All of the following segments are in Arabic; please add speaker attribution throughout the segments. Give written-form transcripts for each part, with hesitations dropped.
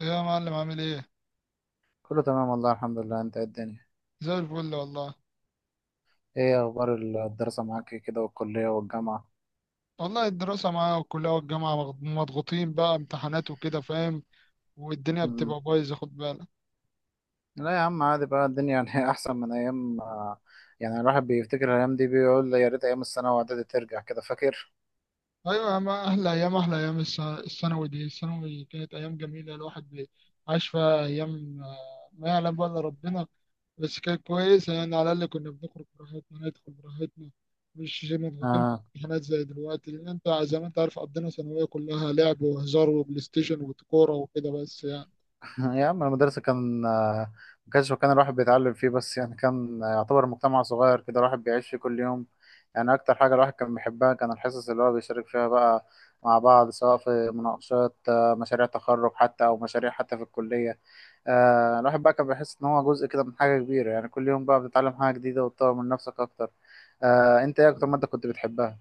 Speaker 1: ايه يا معلم عامل ايه؟
Speaker 2: كله تمام والله الحمد لله. انت ايه الدنيا؟
Speaker 1: زي الفل والله.
Speaker 2: ايه اخبار الدراسة معاك كده والكلية والجامعة؟
Speaker 1: والله الدراسة معايا والكلية والجامعة مضغوطين بقى، امتحانات وكده، فاهم؟ والدنيا
Speaker 2: مم.
Speaker 1: بتبقى بايظة، خد بالك.
Speaker 2: لا يا عم عادي بقى الدنيا يعني احسن من ايام. يعني الواحد بيفتكر الايام دي بيقول يا ريت ايام الثانوي واعدادي ترجع كده فاكر
Speaker 1: ايوه، يا ما احلى ايام، احلى ايام الثانوي، دي الثانوي كانت ايام جميلة، الواحد عاش فيها ايام، ما يعلم بقى الا ربنا. بس كانت كويسة يعني، على الاقل كنا بنخرج براحتنا، ندخل براحتنا. مش زي مضغوطين في
Speaker 2: آه.
Speaker 1: الامتحانات زي دلوقتي، لان انت زي ما انت عارف، قضينا ثانوية كلها لعب وهزار وبلاي ستيشن وكورة وكده بس يعني.
Speaker 2: يا عم المدرسة كان. ما كانش مكان الواحد بيتعلم فيه بس يعني كان. يعتبر مجتمع صغير كده الواحد بيعيش فيه كل يوم. يعني أكتر حاجة الواحد كان بيحبها كان الحصص اللي هو بيشارك فيها بقى مع بعض، سواء في مناقشات، مشاريع تخرج حتى أو مشاريع حتى في الكلية. الواحد بقى كان بيحس إن هو جزء كده من حاجة كبيرة، يعني كل يوم بقى بتتعلم حاجة جديدة وتطور من نفسك أكتر. أنت إيه أكتر مادة كنت بتحبها؟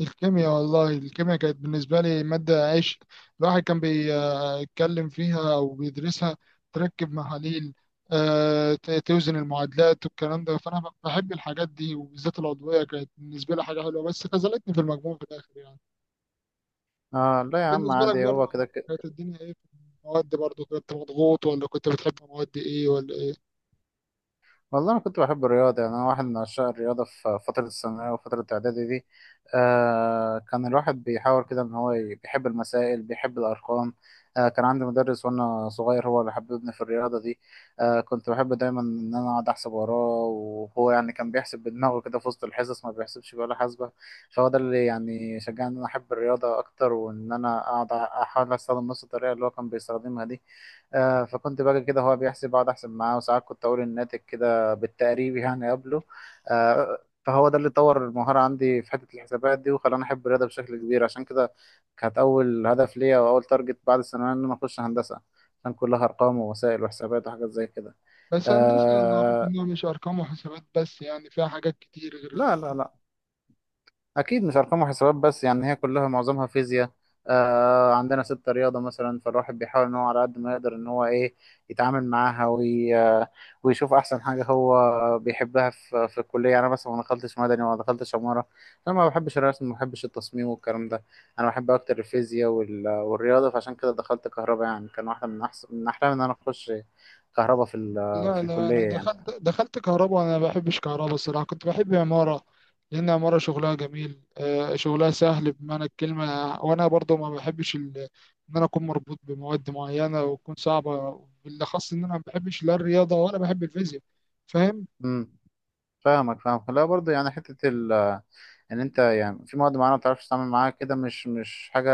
Speaker 1: الكيمياء، والله الكيمياء كانت بالنسبة لي مادة عشق. الواحد كان بيتكلم فيها أو بيدرسها، تركب محاليل، توزن المعادلات والكلام ده. فأنا بحب الحاجات دي، وبالذات العضوية كانت بالنسبة لي حاجة حلوة، بس خذلتني في المجموع في الآخر يعني.
Speaker 2: لا يا عم
Speaker 1: بالنسبة لك
Speaker 2: عادي
Speaker 1: برضه،
Speaker 2: هو كده.
Speaker 1: كانت الدنيا إيه في المواد؟ برضه كنت مضغوط ولا كنت بتحب مواد إيه ولا إيه؟
Speaker 2: والله أنا كنت بحب الرياضة، يعني أنا واحد من عشاق الرياضة في فترة الثانوية وفترة الإعدادي دي. كان الواحد بيحاول كده إن هو بيحب المسائل بيحب الأرقام. كان عندي مدرس وأنا صغير هو اللي حببني في الرياضة دي. كنت بحب دايما إن أنا أقعد أحسب وراه، وهو يعني كان بيحسب بدماغه كده في وسط الحصص ما بيحسبش بولا حاسبة. فهو ده اللي يعني شجعني إن أنا أحب الرياضة أكتر، وإن أنا أقعد أحاول أستخدم نفس الطريقة اللي هو كان بيستخدمها دي. فكنت باجي كده هو بيحسب اقعد احسب معاه، وساعات كنت اقول الناتج كده بالتقريب يعني قبله آه، فهو ده اللي طور المهارة عندي في حتة الحسابات دي وخلاني أحب الرياضة بشكل كبير. عشان كده كانت أول هدف ليا وأول تارجت بعد الثانوية إن أنا أخش هندسة، عشان كلها أرقام ووسائل وحسابات وحاجات زي كده.
Speaker 1: بس هندسة اللي أعرفه
Speaker 2: آه،
Speaker 1: إنها مش أرقام وحسابات بس يعني، فيها حاجات كتير غير.
Speaker 2: لا لا لا، أكيد مش أرقام وحسابات بس، يعني هي كلها معظمها فيزياء. عندنا ستة رياضة مثلا، فالواحد بيحاول إن هو على قد ما يقدر إن هو إيه يتعامل معاها وي آه، ويشوف أحسن حاجة هو بيحبها في الكلية. يعني أنا مثلا ما دخلتش مدني وما دخلتش عمارة، أنا ما بحبش الرسم ما بحبش التصميم والكلام ده. أنا بحب أكتر الفيزياء والرياضة، فعشان كده دخلت كهرباء. يعني كان واحدة من أحسن من أحلامي إن أنا أخش كهرباء
Speaker 1: لا
Speaker 2: في
Speaker 1: لا، انا
Speaker 2: الكلية يعني.
Speaker 1: دخلت كهرباء وانا ما بحبش كهرباء، الصراحه كنت بحب عماره. لان عماره شغلها جميل، شغلها سهل بمعنى الكلمه. وانا برضو ما بحبش ان انا اكون مربوط بمواد معينه وتكون صعبه، بالاخص ان انا ما بحبش لا الرياضه ولا بحب الفيزياء، فاهم؟
Speaker 2: امم فاهمك فاهمك، لا برضه يعني حتة ان انت يعني في مواد معينه ما بتعرفش تتعامل معاها كده مش حاجه.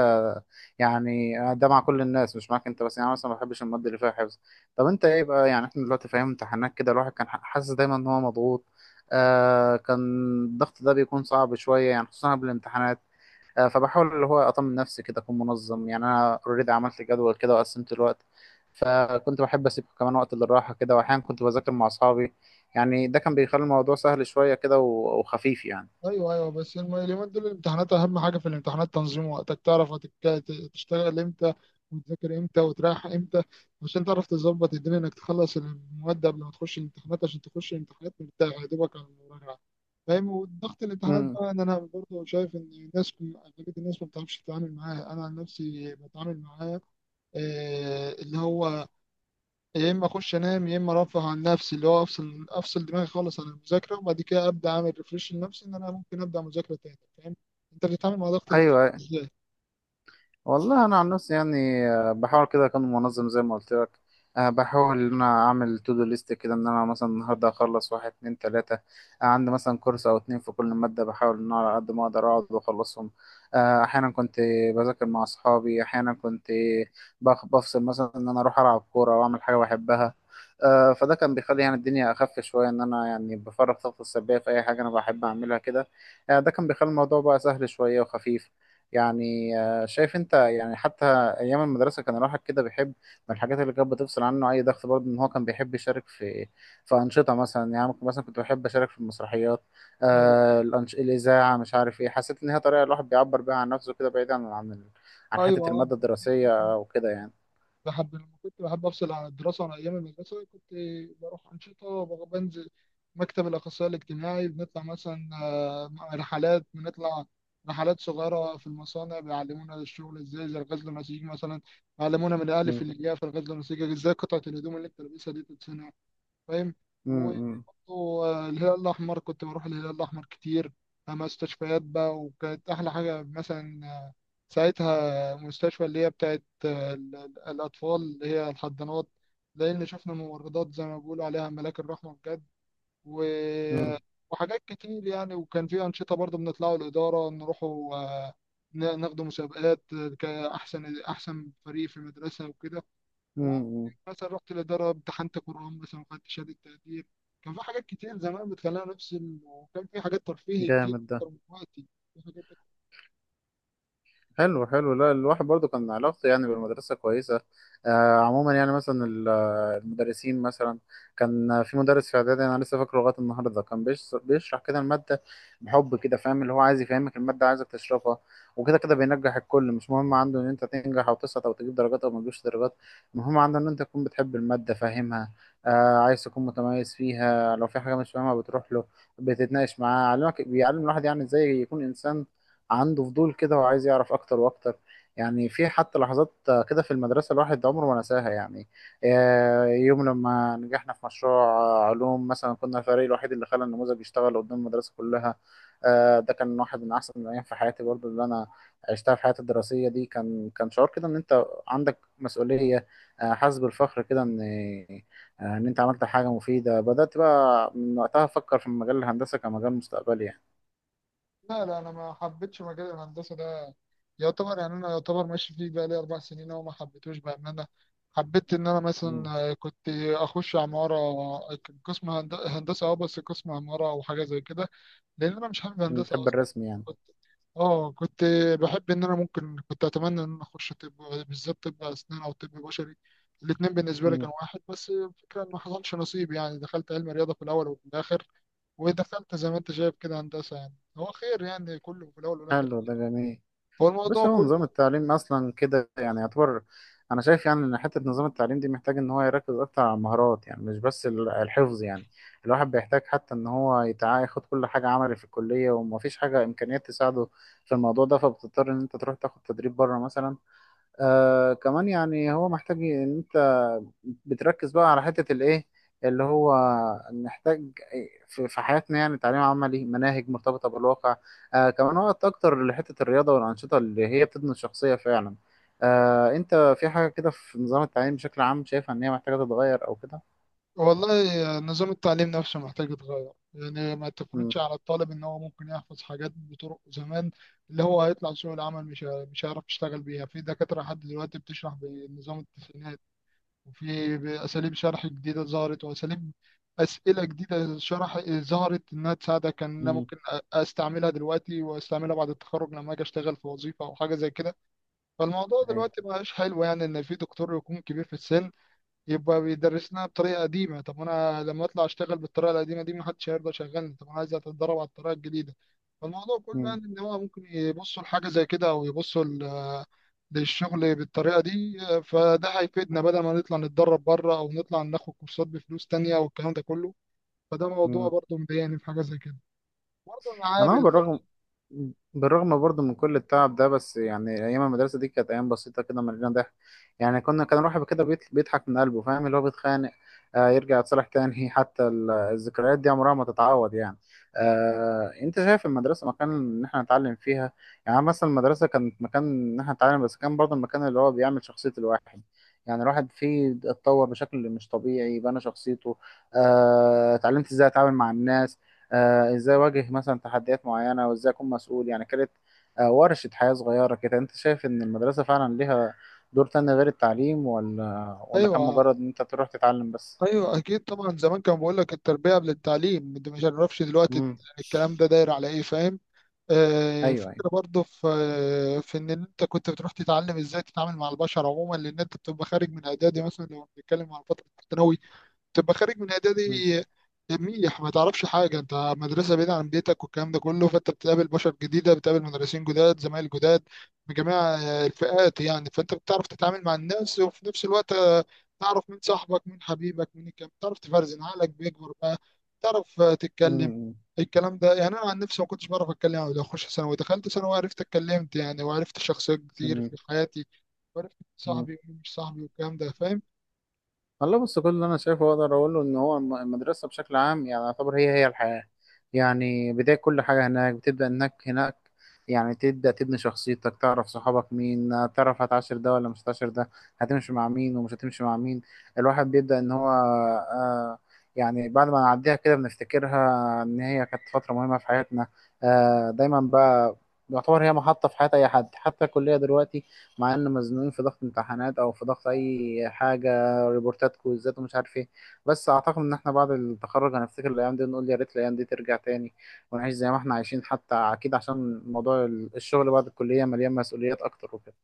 Speaker 2: يعني ده مع كل الناس مش معاك انت بس، يعني أنا مثلا ما بحبش المواد اللي فيها حفظ. طب انت ايه بقى؟ يعني احنا دلوقتي في ايام امتحانات كده الواحد كان حاسس دايما ان هو مضغوط. كان الضغط ده بيكون صعب شويه، يعني خصوصا قبل الامتحانات. فبحاول اللي هو اطمن نفسي كده اكون منظم، يعني انا اوريدي عملت جدول كده وقسمت الوقت. فكنت بحب اسيب كمان وقت للراحه كده، واحيانا كنت بذاكر مع اصحابي. يعني ده كان بيخلي الموضوع سهل شويه كده و- وخفيف
Speaker 1: ايوه ايوه، بس اليومين دول الامتحانات، اهم حاجه في الامتحانات تنظيم وقتك، تعرف تشتغل امتى وتذاكر امتى وتريح امتى. عشان تعرف تظبط الدنيا، انك تخلص المواد قبل ما تخش الامتحانات، عشان تخش الامتحانات مرتاح، يا دوبك على المراجعه، فاهم؟ وضغط الامتحانات
Speaker 2: يعني.
Speaker 1: بقى، ان انا برضه شايف ان الناس، اغلبيه الناس ما بتعرفش تتعامل معاه. انا عن نفسي بتعامل معاه، اللي هو يا اما اخش انام، يا اما ارفه عن نفسي، اللي هو افصل دماغي خالص عن المذاكره، وبعد كده ابدا اعمل ريفريش لنفسي ان انا ممكن ابدا مذاكره تاني. فاهم؟ انت بتتعامل مع ضغط
Speaker 2: ايوه،
Speaker 1: الامتحان
Speaker 2: أيوة.
Speaker 1: ازاي؟
Speaker 2: والله انا عن نفسي يعني بحاول كده اكون منظم زي ما قلت لك. بحاول ان انا اعمل تو دو ليست كده، ان انا مثلا النهارده اخلص واحد اتنين تلاته. عندي مثلا كورس او اتنين في كل ماده، بحاول ان انا على قد ما اقدر اقعد واخلصهم. احيانا كنت بذاكر مع اصحابي، احيانا كنت بفصل مثلا ان انا اروح العب كوره واعمل حاجه بحبها. فده كان بيخلي يعني الدنيا اخف شويه، ان انا يعني بفرغ طاقتي السلبيه في اي حاجه انا بحب اعملها كده. ده كان بيخلي الموضوع بقى سهل شويه وخفيف يعني. شايف انت يعني حتى ايام المدرسه، كان الواحد كده بيحب. من الحاجات اللي كانت بتفصل عنه اي ضغط برضه ان هو كان بيحب يشارك في انشطه مثلا، يعني ممكن مثلا كنت بحب اشارك في المسرحيات.
Speaker 1: ايوه
Speaker 2: الاذاعه مش عارف ايه، حسيت ان هي طريقه الواحد بيعبر بيها عن نفسه كده بعيدا عن عن
Speaker 1: ايوه
Speaker 2: حته
Speaker 1: آه.
Speaker 2: الماده الدراسيه وكده يعني.
Speaker 1: بحب لما كنت بحب افصل عن الدراسه، عن ايام المدرسه، كنت بروح انشطه، بنزل مكتب الاخصائي الاجتماعي، بنطلع مثلا رحلات. بنطلع رحلات صغيره في المصانع، بيعلمونا الشغل ازاي، زي الغزل النسيج مثلا. علمونا من الالف
Speaker 2: م-
Speaker 1: للياء في الغزل والنسيج، ازاي قطعه الهدوم اللي انت لابسها دي تتصنع، فاهم؟
Speaker 2: م-
Speaker 1: وبرضه
Speaker 2: م-
Speaker 1: الهلال الأحمر، كنت بروح الهلال الأحمر كتير، مستشفيات بقى. وكانت أحلى حاجة مثلا ساعتها مستشفى، اللي هي بتاعت الأطفال، اللي هي الحضانات. لأن شفنا ممرضات زي ما بيقولوا عليها ملاك الرحمة بجد. و...
Speaker 2: م-
Speaker 1: آه، وحاجات كتير يعني. وكان في أنشطة برضه بنطلعوا الإدارة نروحوا ناخدوا مسابقات، كأحسن فريق في المدرسة وكده.
Speaker 2: م-
Speaker 1: هو
Speaker 2: م.
Speaker 1: مثلا رحت الإدارة، امتحنت قرآن مثلا وخدت شهادة تقدير. كان في حاجات كتير زمان بتخلينا نفصل، وكان في حاجات ترفيهي كتير،
Speaker 2: جامد ده.
Speaker 1: أكتر من دلوقتي. في حاجات كتير.
Speaker 2: حلو حلو، لا الواحد برضو كان علاقته يعني بالمدرسة كويسة. آه عموما يعني مثلا المدرسين مثلا كان في مدرس في إعدادي أنا لسه فاكره لغاية النهاردة، كان بيشرح كده المادة. بحب كده فاهم اللي هو عايز يفهمك المادة عايزك تشرحها، وكده كده بينجح الكل. مش مهم عنده إن أنت تنجح أو تسقط أو تجيب درجات أو ما تجيبش درجات، المهم عنده إن أنت تكون بتحب المادة فاهمها. آه عايز تكون متميز فيها، لو في حاجة مش فاهمها بتروح له بتتناقش معاه، علمك بيعلم الواحد يعني إزاي يكون إنسان عنده فضول كده وعايز يعرف اكتر واكتر. يعني في حتى لحظات كده في المدرسة الواحد عمره ما نساها يعني. يوم لما نجحنا في مشروع علوم مثلا، كنا الفريق الوحيد اللي خلى النموذج يشتغل قدام المدرسة كلها. ده كان واحد من احسن الايام في حياتي برضو، اللي انا عشتها في حياتي الدراسية دي. كان كان شعور كده ان انت عندك مسؤولية، حاسس بالفخر كده ان انت عملت حاجة مفيدة. بدأت بقى من وقتها افكر في مجال الهندسة كمجال مستقبلي يعني.
Speaker 1: لا لا، أنا ما حبيتش مجال الهندسة ده، يعتبر يعني أنا يعتبر ماشي فيه بقى لي 4 سنين أهو، ما حبيتهوش بأمانة. حبيت إن أنا
Speaker 2: مم.
Speaker 1: مثلا كنت أخش عمارة، قسم هندسة. أه بس قسم عمارة أو حاجة زي كده. لان انا مش حابب هندسه
Speaker 2: بتحب
Speaker 1: اصلا.
Speaker 2: الرسم يعني؟
Speaker 1: كنت اه كنت بحب ان انا ممكن، كنت اتمنى ان انا اخش طب، بالذات طب اسنان او طب بشري. الاتنين بالنسبه لي
Speaker 2: مم.
Speaker 1: كانوا واحد، بس الفكره ان ما حصلش نصيب يعني. دخلت علم رياضه في الاول، وفي الاخر ودخلت زي ما انت شايف كده هندسه. يعني هو خير يعني، كله في الاول والاخر،
Speaker 2: حلو ده جميل.
Speaker 1: هو الموضوع
Speaker 2: بس هو نظام
Speaker 1: كله.
Speaker 2: التعليم اصلا كده يعني يعتبر، انا شايف يعني ان حته نظام التعليم دي محتاج ان هو يركز اكتر على المهارات، يعني مش بس الحفظ يعني. الواحد بيحتاج حتى ان هو ياخد كل حاجه عملي في الكليه، ومفيش حاجه امكانيات تساعده في الموضوع ده، فبتضطر ان انت تروح تاخد تدريب بره مثلا. كمان يعني هو محتاج ان انت بتركز بقى على حتة الايه اللي هو محتاج في في حياتنا، يعني تعليم عملي مناهج مرتبطة بالواقع. كمان وقت اكتر لحتة الرياضة والأنشطة اللي هي بتبني الشخصية فعلا. انت في حاجة كده في نظام التعليم بشكل عام شايفها ان هي محتاجة تتغير او كده؟
Speaker 1: والله نظام التعليم نفسه محتاج يتغير. يعني ما
Speaker 2: امم
Speaker 1: تفرضش على الطالب ان هو ممكن يحفظ حاجات بطرق زمان، اللي هو هيطلع سوق العمل مش هيعرف يشتغل بيها. في دكاترة لحد دلوقتي بتشرح بنظام التسعينات، وفي اساليب شرح جديدة ظهرت، واساليب اسئلة جديدة شرح ظهرت، انها تساعدك ان انا
Speaker 2: مم.
Speaker 1: ممكن استعملها دلوقتي، واستعملها بعد التخرج لما اجي اشتغل في وظيفة او حاجة زي كده. فالموضوع
Speaker 2: ايوه.
Speaker 1: دلوقتي مبقاش حلو يعني، ان في دكتور يكون كبير في السن، يبقى بيدرسنا بطريقه قديمه. طب انا لما اطلع اشتغل بالطريقه القديمه دي، محدش هيرضى يشغلني. طب انا عايز اتدرب على الطريقه الجديده. فالموضوع كله
Speaker 2: مم.
Speaker 1: يعني، ان هو ممكن يبصوا لحاجه زي كده او يبصوا للشغل بالطريقه دي. فده هيفيدنا بدل ما نطلع نتدرب بره، او نطلع ناخد كورسات بفلوس تانية والكلام ده كله. فده موضوع
Speaker 2: مم.
Speaker 1: برضه مضايقني، في حاجه زي كده. برضه
Speaker 2: انا هو
Speaker 1: المعامل.
Speaker 2: بالرغم، بالرغم برضه من كل التعب ده، بس يعني ايام المدرسه دي كانت ايام بسيطه كده مليانه ضحك. يعني كنا كان الواحد كده بيضحك من قلبه، فاهم اللي هو بيتخانق، يرجع يتصالح تاني. حتى الذكريات دي عمرها ما تتعوض يعني. انت شايف المدرسه مكان ان احنا نتعلم فيها؟ يعني مثلا المدرسه كانت مكان ان احنا نتعلم، بس كان برضه المكان اللي هو بيعمل شخصيه الواحد. يعني الواحد فيه اتطور بشكل مش طبيعي، بنى شخصيته. اتعلمت ازاي اتعامل مع الناس، ازاي اواجه مثلا تحديات معينه وازاي اكون مسؤول يعني. كانت ورشه حياه صغيره كده. انت شايف ان المدرسه فعلا ليها دور تاني غير التعليم ولا كان
Speaker 1: ايوه
Speaker 2: مجرد ان انت تروح تتعلم بس؟
Speaker 1: ايوه، اكيد طبعا. زمان كان بقول لك التربيه قبل التعليم، انت ما تعرفش دلوقتي
Speaker 2: مم.
Speaker 1: الكلام ده داير على ايه، فاهم؟
Speaker 2: ايوه ايوه.
Speaker 1: فكرة برضه في إن أنت كنت بتروح تتعلم إزاي تتعامل مع البشر عموما، لأن أنت بتبقى خارج من إعدادي مثلا، لو بنتكلم على فترة الثانوي. تبقى خارج من
Speaker 2: مم.
Speaker 1: اعدادي، منيح ما تعرفش حاجه، انت مدرسه بعيده عن بيتك والكلام ده كله، فانت بتقابل بشر جديده، بتقابل مدرسين جداد، زمايل جداد من جميع الفئات يعني. فانت بتعرف تتعامل مع الناس، وفي نفس الوقت تعرف مين صاحبك، مين حبيبك، مين الكلام، تعرف تفرزن، عقلك بيكبر بقى، تعرف تتكلم.
Speaker 2: مم.
Speaker 1: الكلام ده يعني، انا عن نفسي ما كنتش بعرف اتكلم قبل ما اخش ثانوي، دخلت ثانوي وعرفت اتكلمت يعني، وعرفت شخصيات كتير
Speaker 2: مم.
Speaker 1: في حياتي، وعرفت مين
Speaker 2: مم.
Speaker 1: صاحبي ومين مش صاحبي والكلام ده، فاهم؟
Speaker 2: والله بص، كل اللي انا شايفه اقدر اقول له ان هو المدرسه بشكل عام يعني يعتبر هي هي الحياه. يعني بدايه كل حاجه هناك، بتبدا انك هناك يعني تبدا تبني شخصيتك، تعرف صحابك مين، تعرف هتعاشر ده ولا مش هتعاشر ده، هتمشي مع مين ومش هتمشي مع مين. الواحد بيبدا ان هو يعني بعد ما نعديها كده بنفتكرها ان هي كانت فتره مهمه في حياتنا. دايما بقى يعتبر هي محطة في حياة أي حد. حتى الكلية دلوقتي، مع إن مزنوقين في ضغط امتحانات أو في ضغط أي حاجة، ريبورتات كويزات ومش عارف ايه، بس اعتقد ان احنا بعد التخرج هنفتكر الايام دي ونقول يا ريت الايام دي ترجع تاني، ونعيش زي ما احنا عايشين حتى. اكيد عشان موضوع الشغل بعد الكلية مليان مسؤوليات اكتر وكده.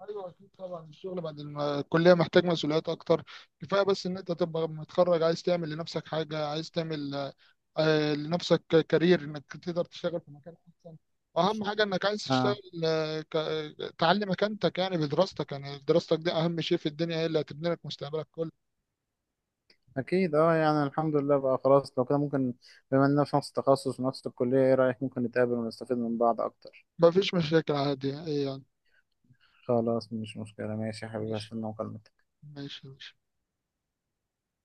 Speaker 1: ايوه اكيد طبعا، الشغل بعد الكليه محتاج مسؤوليات اكتر. كفايه بس ان انت تبقى متخرج، عايز تعمل لنفسك حاجه، عايز تعمل لنفسك كارير، انك تقدر تشتغل في مكان احسن، واهم حاجه انك عايز تشتغل،
Speaker 2: اه
Speaker 1: تعلي مكانتك يعني بدراستك، يعني دراستك دي اهم شيء في الدنيا، هي اللي هتبني لك مستقبلك كله.
Speaker 2: اكيد، يعني الحمد لله بقى خلاص. لو كده ممكن، بما اننا في نفس التخصص ونفس الكلية، ايه رأيك ممكن نتقابل ونستفيد من بعض اكتر؟
Speaker 1: مفيش مشاكل، عادي، ايه يعني.
Speaker 2: خلاص مش مشكلة، ماشي يا حبيبي،
Speaker 1: ماشي
Speaker 2: هستنى مكالمتك.
Speaker 1: ماشي ماشي.